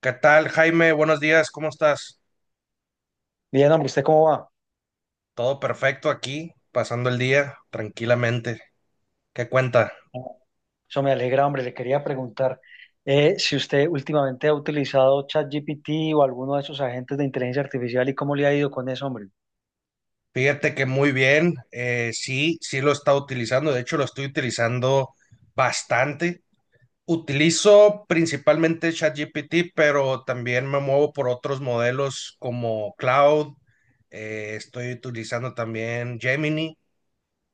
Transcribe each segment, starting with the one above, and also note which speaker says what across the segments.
Speaker 1: ¿Qué tal, Jaime? Buenos días, ¿cómo estás?
Speaker 2: Bien, hombre, ¿usted cómo va?
Speaker 1: Todo perfecto aquí, pasando el día tranquilamente. ¿Qué cuenta?
Speaker 2: Eso me alegra, hombre. Le quería preguntar si usted últimamente ha utilizado ChatGPT o alguno de esos agentes de inteligencia artificial y cómo le ha ido con eso, hombre.
Speaker 1: Fíjate que muy bien, sí, sí lo está utilizando, de hecho lo estoy utilizando bastante. Utilizo principalmente ChatGPT, pero también me muevo por otros modelos como Cloud, estoy utilizando también Gemini.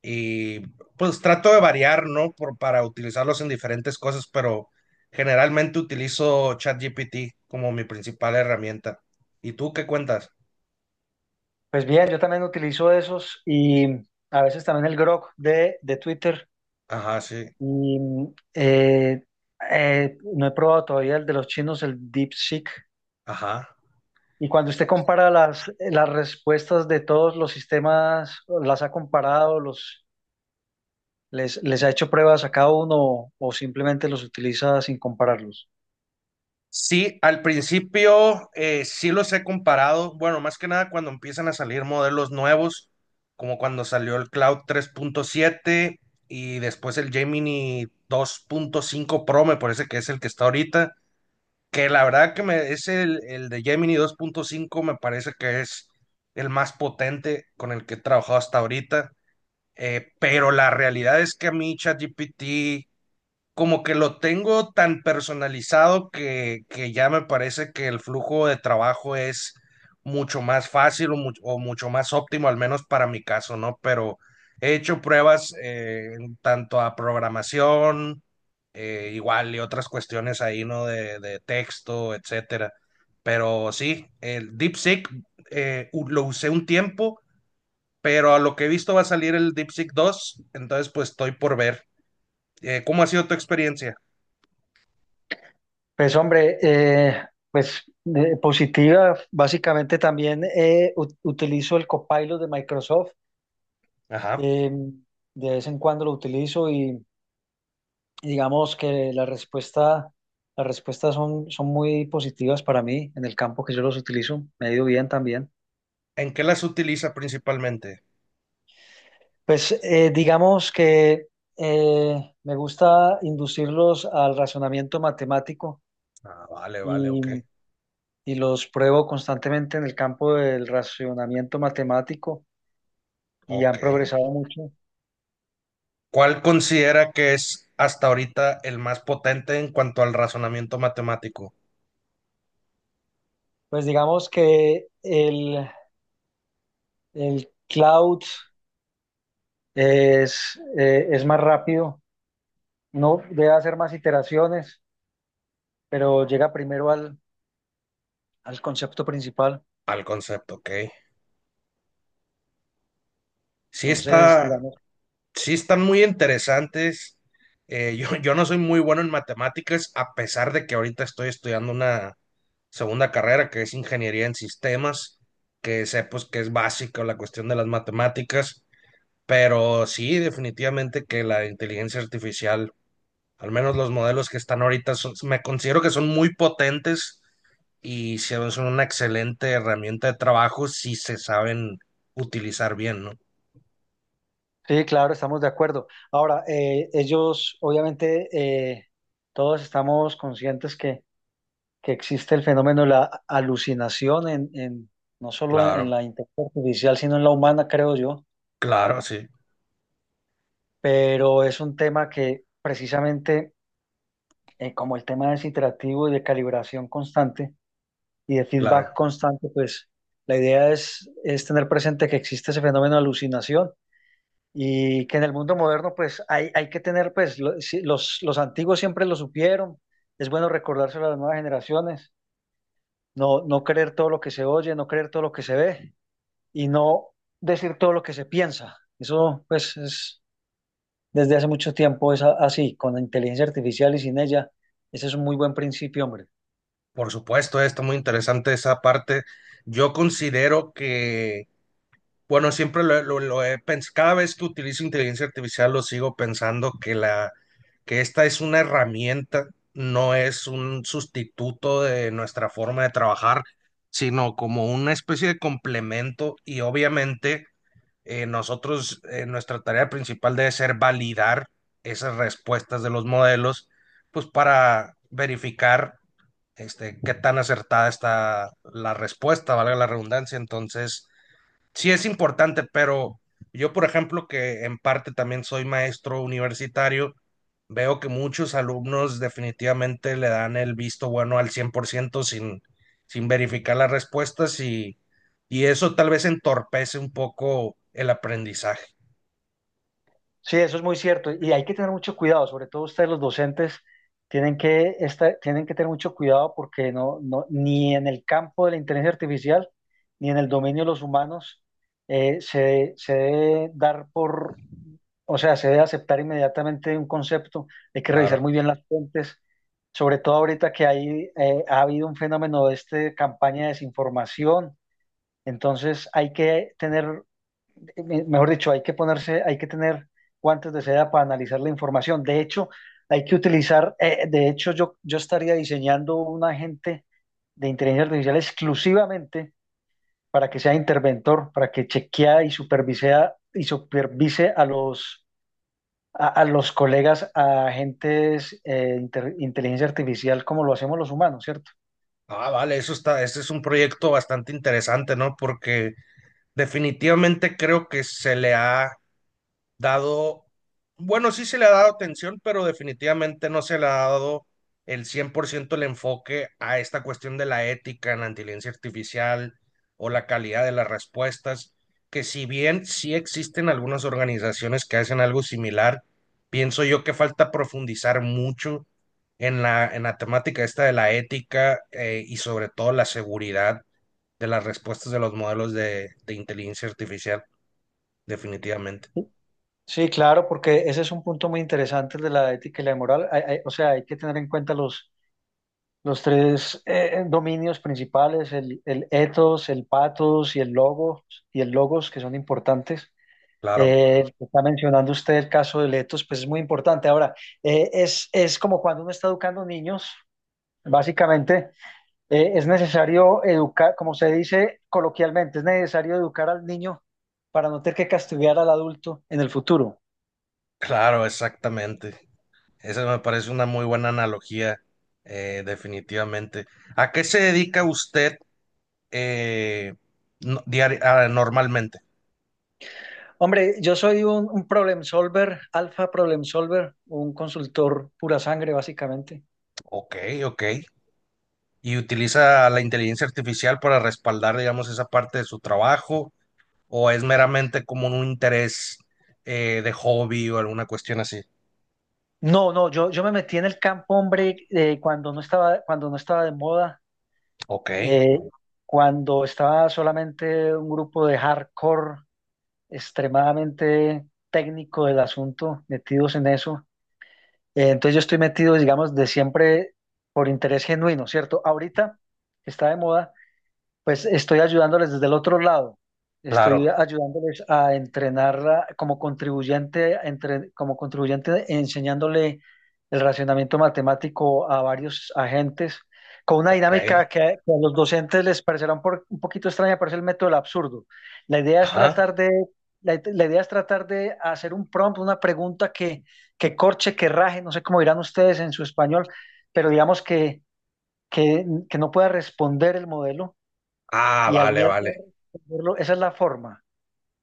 Speaker 1: Y pues trato de variar, ¿no? Para utilizarlos en diferentes cosas, pero generalmente utilizo ChatGPT como mi principal herramienta. ¿Y tú qué cuentas?
Speaker 2: Pues bien, yo también utilizo esos y a veces también el Grok de Twitter.
Speaker 1: Ajá, sí,
Speaker 2: Y eh, no he probado todavía el de los chinos, el DeepSeek.
Speaker 1: ajá.
Speaker 2: Y cuando usted compara las respuestas de todos los sistemas, las ha comparado, los. ¿Les, les ha hecho pruebas a cada uno o simplemente los utiliza sin compararlos?
Speaker 1: Sí, al principio sí los he comparado, bueno, más que nada cuando empiezan a salir modelos nuevos, como cuando salió el Cloud tres punto siete y después el Gemini dos punto cinco Pro, me parece que es el que está ahorita. Que la verdad es el de Gemini dos punto cinco me parece que es el más potente con el que he trabajado hasta ahorita, pero la realidad es que a mí ChatGPT como que lo tengo tan personalizado que ya me parece que el flujo de trabajo es mucho más fácil o, o mucho más óptimo, al menos para mi caso, ¿no? Pero he hecho pruebas en tanto a programación, igual y otras cuestiones ahí, ¿no? De texto, etcétera. Pero sí, el DeepSeek lo usé un tiempo, pero a lo que he visto va a salir el DeepSeek 2, entonces pues estoy por ver. ¿Cómo ha sido tu experiencia?
Speaker 2: Pues hombre, pues positiva, básicamente también utilizo el Copilot de Microsoft,
Speaker 1: Ajá.
Speaker 2: eh, de vez en cuando lo utilizo y digamos que la respuesta, las respuestas son, son muy positivas para mí en el campo que yo los utilizo, me ha ido bien también.
Speaker 1: ¿En qué las utiliza principalmente?
Speaker 2: Pues digamos que me gusta inducirlos al razonamiento matemático
Speaker 1: Ah, vale, vale,
Speaker 2: y
Speaker 1: ok.
Speaker 2: y los pruebo constantemente en el campo del racionamiento matemático y
Speaker 1: Ok.
Speaker 2: han progresado mucho.
Speaker 1: ¿Cuál considera que es hasta ahorita el más potente en cuanto al razonamiento matemático?
Speaker 2: Pues digamos que el cloud es más rápido, no debe hacer más iteraciones, pero llega primero al, al concepto principal.
Speaker 1: Al concepto, ok. Sí
Speaker 2: Entonces,
Speaker 1: está,
Speaker 2: digamos,
Speaker 1: sí están muy interesantes. Yo no soy muy bueno en matemáticas, a pesar de que ahorita estoy estudiando una segunda carrera que es ingeniería en sistemas, que sé pues que es básica la cuestión de las matemáticas. Pero sí, definitivamente que la inteligencia artificial, al menos los modelos que están ahorita, me considero que son muy potentes y son una excelente herramienta de trabajo si se saben utilizar bien, ¿no?
Speaker 2: sí, claro, estamos de acuerdo. Ahora, ellos, obviamente, todos estamos conscientes que existe el fenómeno de la alucinación en, no solo en
Speaker 1: Claro,
Speaker 2: la inteligencia artificial, sino en la humana, creo yo,
Speaker 1: claro, sí,
Speaker 2: pero es un tema que precisamente, como el tema es iterativo y de calibración constante y de feedback
Speaker 1: claro.
Speaker 2: constante, pues la idea es tener presente que existe ese fenómeno de alucinación. Y que en el mundo moderno, pues hay que tener, pues los antiguos siempre lo supieron, es bueno recordárselo a las nuevas generaciones, no, no creer todo lo que se oye, no creer todo lo que se ve y no decir todo lo que se piensa. Eso, pues, es, desde hace mucho tiempo es así, con la inteligencia artificial y sin ella. Ese es un muy buen principio, hombre.
Speaker 1: Por supuesto, está muy interesante esa parte. Yo considero que bueno, siempre lo he pensado, cada vez que utilizo inteligencia artificial lo sigo pensando que esta es una herramienta, no es un sustituto de nuestra forma de trabajar, sino como una especie de complemento y obviamente nosotros, nuestra tarea principal debe ser validar esas respuestas de los modelos, pues para verificar este, qué tan acertada está la respuesta, valga la redundancia, entonces sí es importante, pero yo, por ejemplo, que en parte también soy maestro universitario, veo que muchos alumnos definitivamente le dan el visto bueno al 100% sin, sin verificar las respuestas y eso tal vez entorpece un poco el aprendizaje.
Speaker 2: Sí, eso es muy cierto. Y hay que tener mucho cuidado, sobre todo ustedes los docentes tienen que, tienen que tener mucho cuidado porque no, no, ni en el campo de la inteligencia artificial, ni en el dominio de los humanos, se, se debe dar por. O sea, se debe aceptar inmediatamente un concepto, hay que revisar
Speaker 1: Claro.
Speaker 2: muy bien las fuentes, sobre todo ahorita que hay, ha habido un fenómeno de este campaña de desinformación, entonces hay que tener, mejor dicho, hay que ponerse, hay que tener guantes de seda para analizar la información. De hecho, hay que utilizar, de hecho, yo estaría diseñando un agente de inteligencia artificial exclusivamente para que sea interventor, para que chequea y supervisea y supervise a los a los colegas, a agentes inteligencia artificial como lo hacemos los humanos, ¿cierto?
Speaker 1: Ah, vale, eso está, ese es un proyecto bastante interesante, ¿no? Porque definitivamente creo que se le ha dado, bueno, sí se le ha dado atención, pero definitivamente no se le ha dado el 100% el enfoque a esta cuestión de la ética en la inteligencia artificial o la calidad de las respuestas, que si bien sí existen algunas organizaciones que hacen algo similar, pienso yo que falta profundizar mucho en en la temática esta de la ética y sobre todo la seguridad de las respuestas de los modelos de inteligencia artificial, definitivamente.
Speaker 2: Sí, claro, porque ese es un punto muy interesante el de la ética y la moral. O sea, hay que tener en cuenta los tres dominios principales, el ethos, el pathos y el logos que son importantes.
Speaker 1: Claro.
Speaker 2: El que está mencionando usted el caso del ethos, pues es muy importante. Ahora, es como cuando uno está educando niños, básicamente. Es necesario educar, como se dice coloquialmente, es necesario educar al niño para no tener que castigar al adulto en el futuro.
Speaker 1: Claro, exactamente. Esa me parece una muy buena analogía, definitivamente. ¿A qué se dedica usted eh, normalmente?
Speaker 2: Hombre, yo soy un problem solver, alfa problem solver, un consultor pura sangre, básicamente.
Speaker 1: Ok, ok. ¿Y utiliza la inteligencia artificial para respaldar, digamos, esa parte de su trabajo? ¿O es meramente como un interés de hobby o alguna cuestión así?
Speaker 2: No, no, yo me metí en el campo, hombre, cuando no estaba de moda,
Speaker 1: Ok,
Speaker 2: eh, cuando estaba solamente un grupo de hardcore extremadamente técnico del asunto, metidos en eso. Entonces yo estoy metido, digamos, de siempre por interés genuino, ¿cierto? Ahorita está de moda, pues estoy ayudándoles desde el otro lado. Estoy
Speaker 1: claro,
Speaker 2: ayudándoles a entrenarla como contribuyente, como contribuyente enseñándole el racionamiento matemático a varios agentes con una dinámica
Speaker 1: ok.
Speaker 2: que a los docentes les parecerá un, un poquito extraña, pero es el método del absurdo. La idea es
Speaker 1: Ajá.
Speaker 2: tratar de, la idea es tratar de hacer un prompt, una pregunta que corche, que raje, no sé cómo dirán ustedes en su español, pero digamos que, que no pueda responder el modelo
Speaker 1: Ah,
Speaker 2: y al
Speaker 1: vale,
Speaker 2: no poder
Speaker 1: vale.
Speaker 2: responderlo, esa es la forma.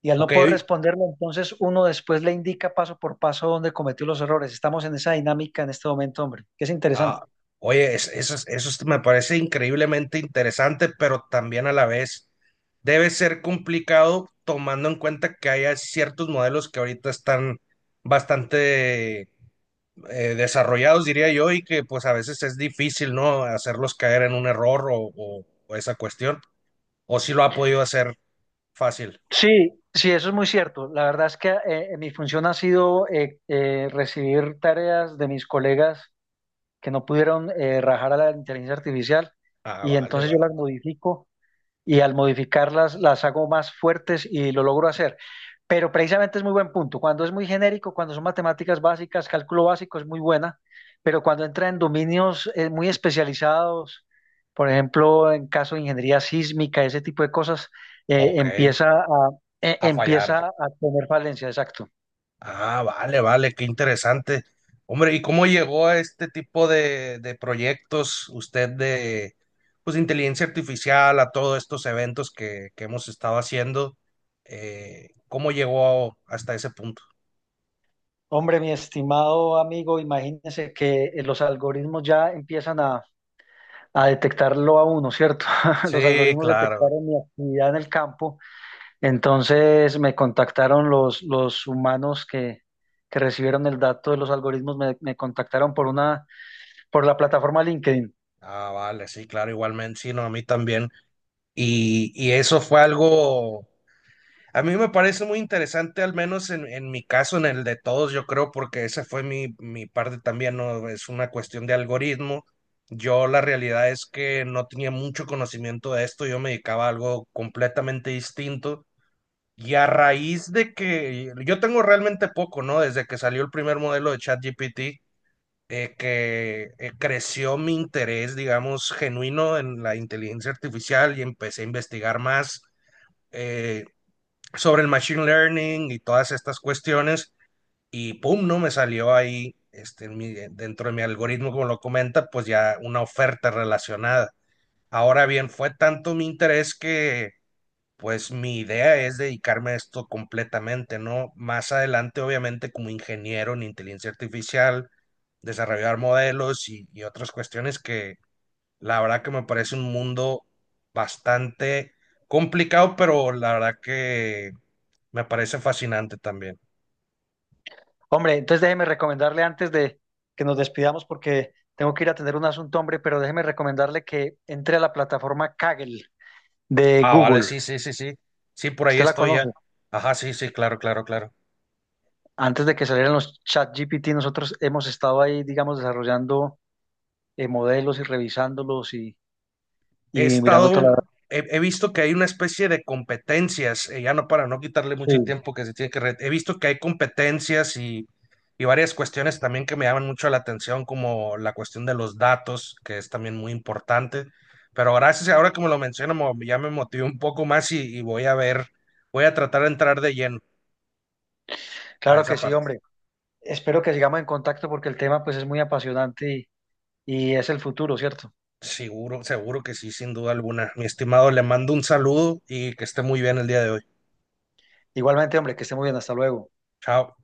Speaker 2: Y al
Speaker 1: Ok.
Speaker 2: no poder responderlo, entonces uno después le indica paso por paso dónde cometió los errores. Estamos en esa dinámica en este momento, hombre, que es
Speaker 1: Ah,
Speaker 2: interesante.
Speaker 1: oye, eso me parece increíblemente interesante, pero también a la vez debe ser complicado tomando en cuenta que hay ciertos modelos que ahorita están bastante desarrollados, diría yo, y que pues a veces es difícil, ¿no? Hacerlos caer en un error o, o esa cuestión. O si lo ha podido hacer fácil.
Speaker 2: Sí, sí, eso es muy cierto. La verdad es que mi función ha sido recibir tareas de mis colegas que no pudieron rajar a la inteligencia artificial
Speaker 1: Ah,
Speaker 2: y
Speaker 1: vale,
Speaker 2: entonces yo las
Speaker 1: vale.
Speaker 2: modifico y al modificarlas las hago más fuertes y lo logro hacer. Pero precisamente es muy buen punto. Cuando es muy genérico, cuando son matemáticas básicas, cálculo básico es muy buena, pero cuando entra en dominios muy especializados, por ejemplo, en caso de ingeniería sísmica, ese tipo de cosas, eh,
Speaker 1: Ok,
Speaker 2: empieza a,
Speaker 1: a fallar.
Speaker 2: empieza a tener falencia, exacto.
Speaker 1: Ah, vale, vale, qué interesante. Hombre, ¿y cómo llegó a este tipo de proyectos usted de, pues, de inteligencia artificial, a todos estos eventos que hemos estado haciendo? ¿Cómo llegó hasta ese punto?
Speaker 2: Hombre, mi estimado amigo, imagínese que los algoritmos ya empiezan a detectarlo a uno, ¿cierto? Los
Speaker 1: Sí,
Speaker 2: algoritmos
Speaker 1: claro.
Speaker 2: detectaron mi actividad en el campo. Entonces me contactaron los humanos que recibieron el dato de los algoritmos, me contactaron por una, por la plataforma LinkedIn.
Speaker 1: Ah, vale, sí, claro, igualmente, sí, no, a mí también. Y eso fue algo. A mí me parece muy interesante, al menos en mi caso, en el de todos, yo creo, porque esa fue mi parte también, ¿no? Es una cuestión de algoritmo. Yo la realidad es que no tenía mucho conocimiento de esto, yo me dedicaba a algo completamente distinto. Y a raíz de que yo tengo realmente poco, ¿no? Desde que salió el primer modelo de ChatGPT, que creció mi interés, digamos, genuino en la inteligencia artificial y empecé a investigar más. Eh, sobre el machine learning y todas estas cuestiones y pum, ¿no? Me salió ahí este, en dentro de mi algoritmo, como lo comenta, pues ya una oferta relacionada. Ahora bien, fue tanto mi interés que pues mi idea es dedicarme a esto completamente, ¿no? Más adelante, obviamente, como ingeniero en inteligencia artificial, desarrollar modelos y otras cuestiones que la verdad que me parece un mundo bastante complicado, pero la verdad que me parece fascinante también.
Speaker 2: Hombre, entonces déjeme recomendarle antes de que nos despidamos porque tengo que ir a atender un asunto, hombre, pero déjeme recomendarle que entre a la plataforma Kaggle de
Speaker 1: Ah, vale,
Speaker 2: Google.
Speaker 1: sí, sí, sí, sí. Sí, por ahí
Speaker 2: Usted la
Speaker 1: estoy ya.
Speaker 2: conoce.
Speaker 1: Ajá, sí, sí, claro, claro, claro.
Speaker 2: Antes de que salieran los chat GPT, nosotros hemos estado ahí, digamos, desarrollando modelos y revisándolos y
Speaker 1: He
Speaker 2: mirando toda
Speaker 1: estado,
Speaker 2: la...
Speaker 1: he, he visto que hay una especie de competencias, ya no para no quitarle mucho
Speaker 2: Sí.
Speaker 1: tiempo que se tiene he visto que hay competencias y varias cuestiones también que me llaman mucho la atención, como la cuestión de los datos, que es también muy importante. Pero gracias, ahora como lo menciono ya me motivé un poco más y voy a ver, voy a tratar de entrar de lleno a
Speaker 2: Claro
Speaker 1: esa
Speaker 2: que sí,
Speaker 1: parte.
Speaker 2: hombre. Espero que sigamos en contacto porque el tema pues es muy apasionante y es el futuro, ¿cierto?
Speaker 1: Seguro, seguro que sí, sin duda alguna. Mi estimado, le mando un saludo y que esté muy bien el día de hoy.
Speaker 2: Igualmente, hombre, que esté muy bien, hasta luego.
Speaker 1: Chao.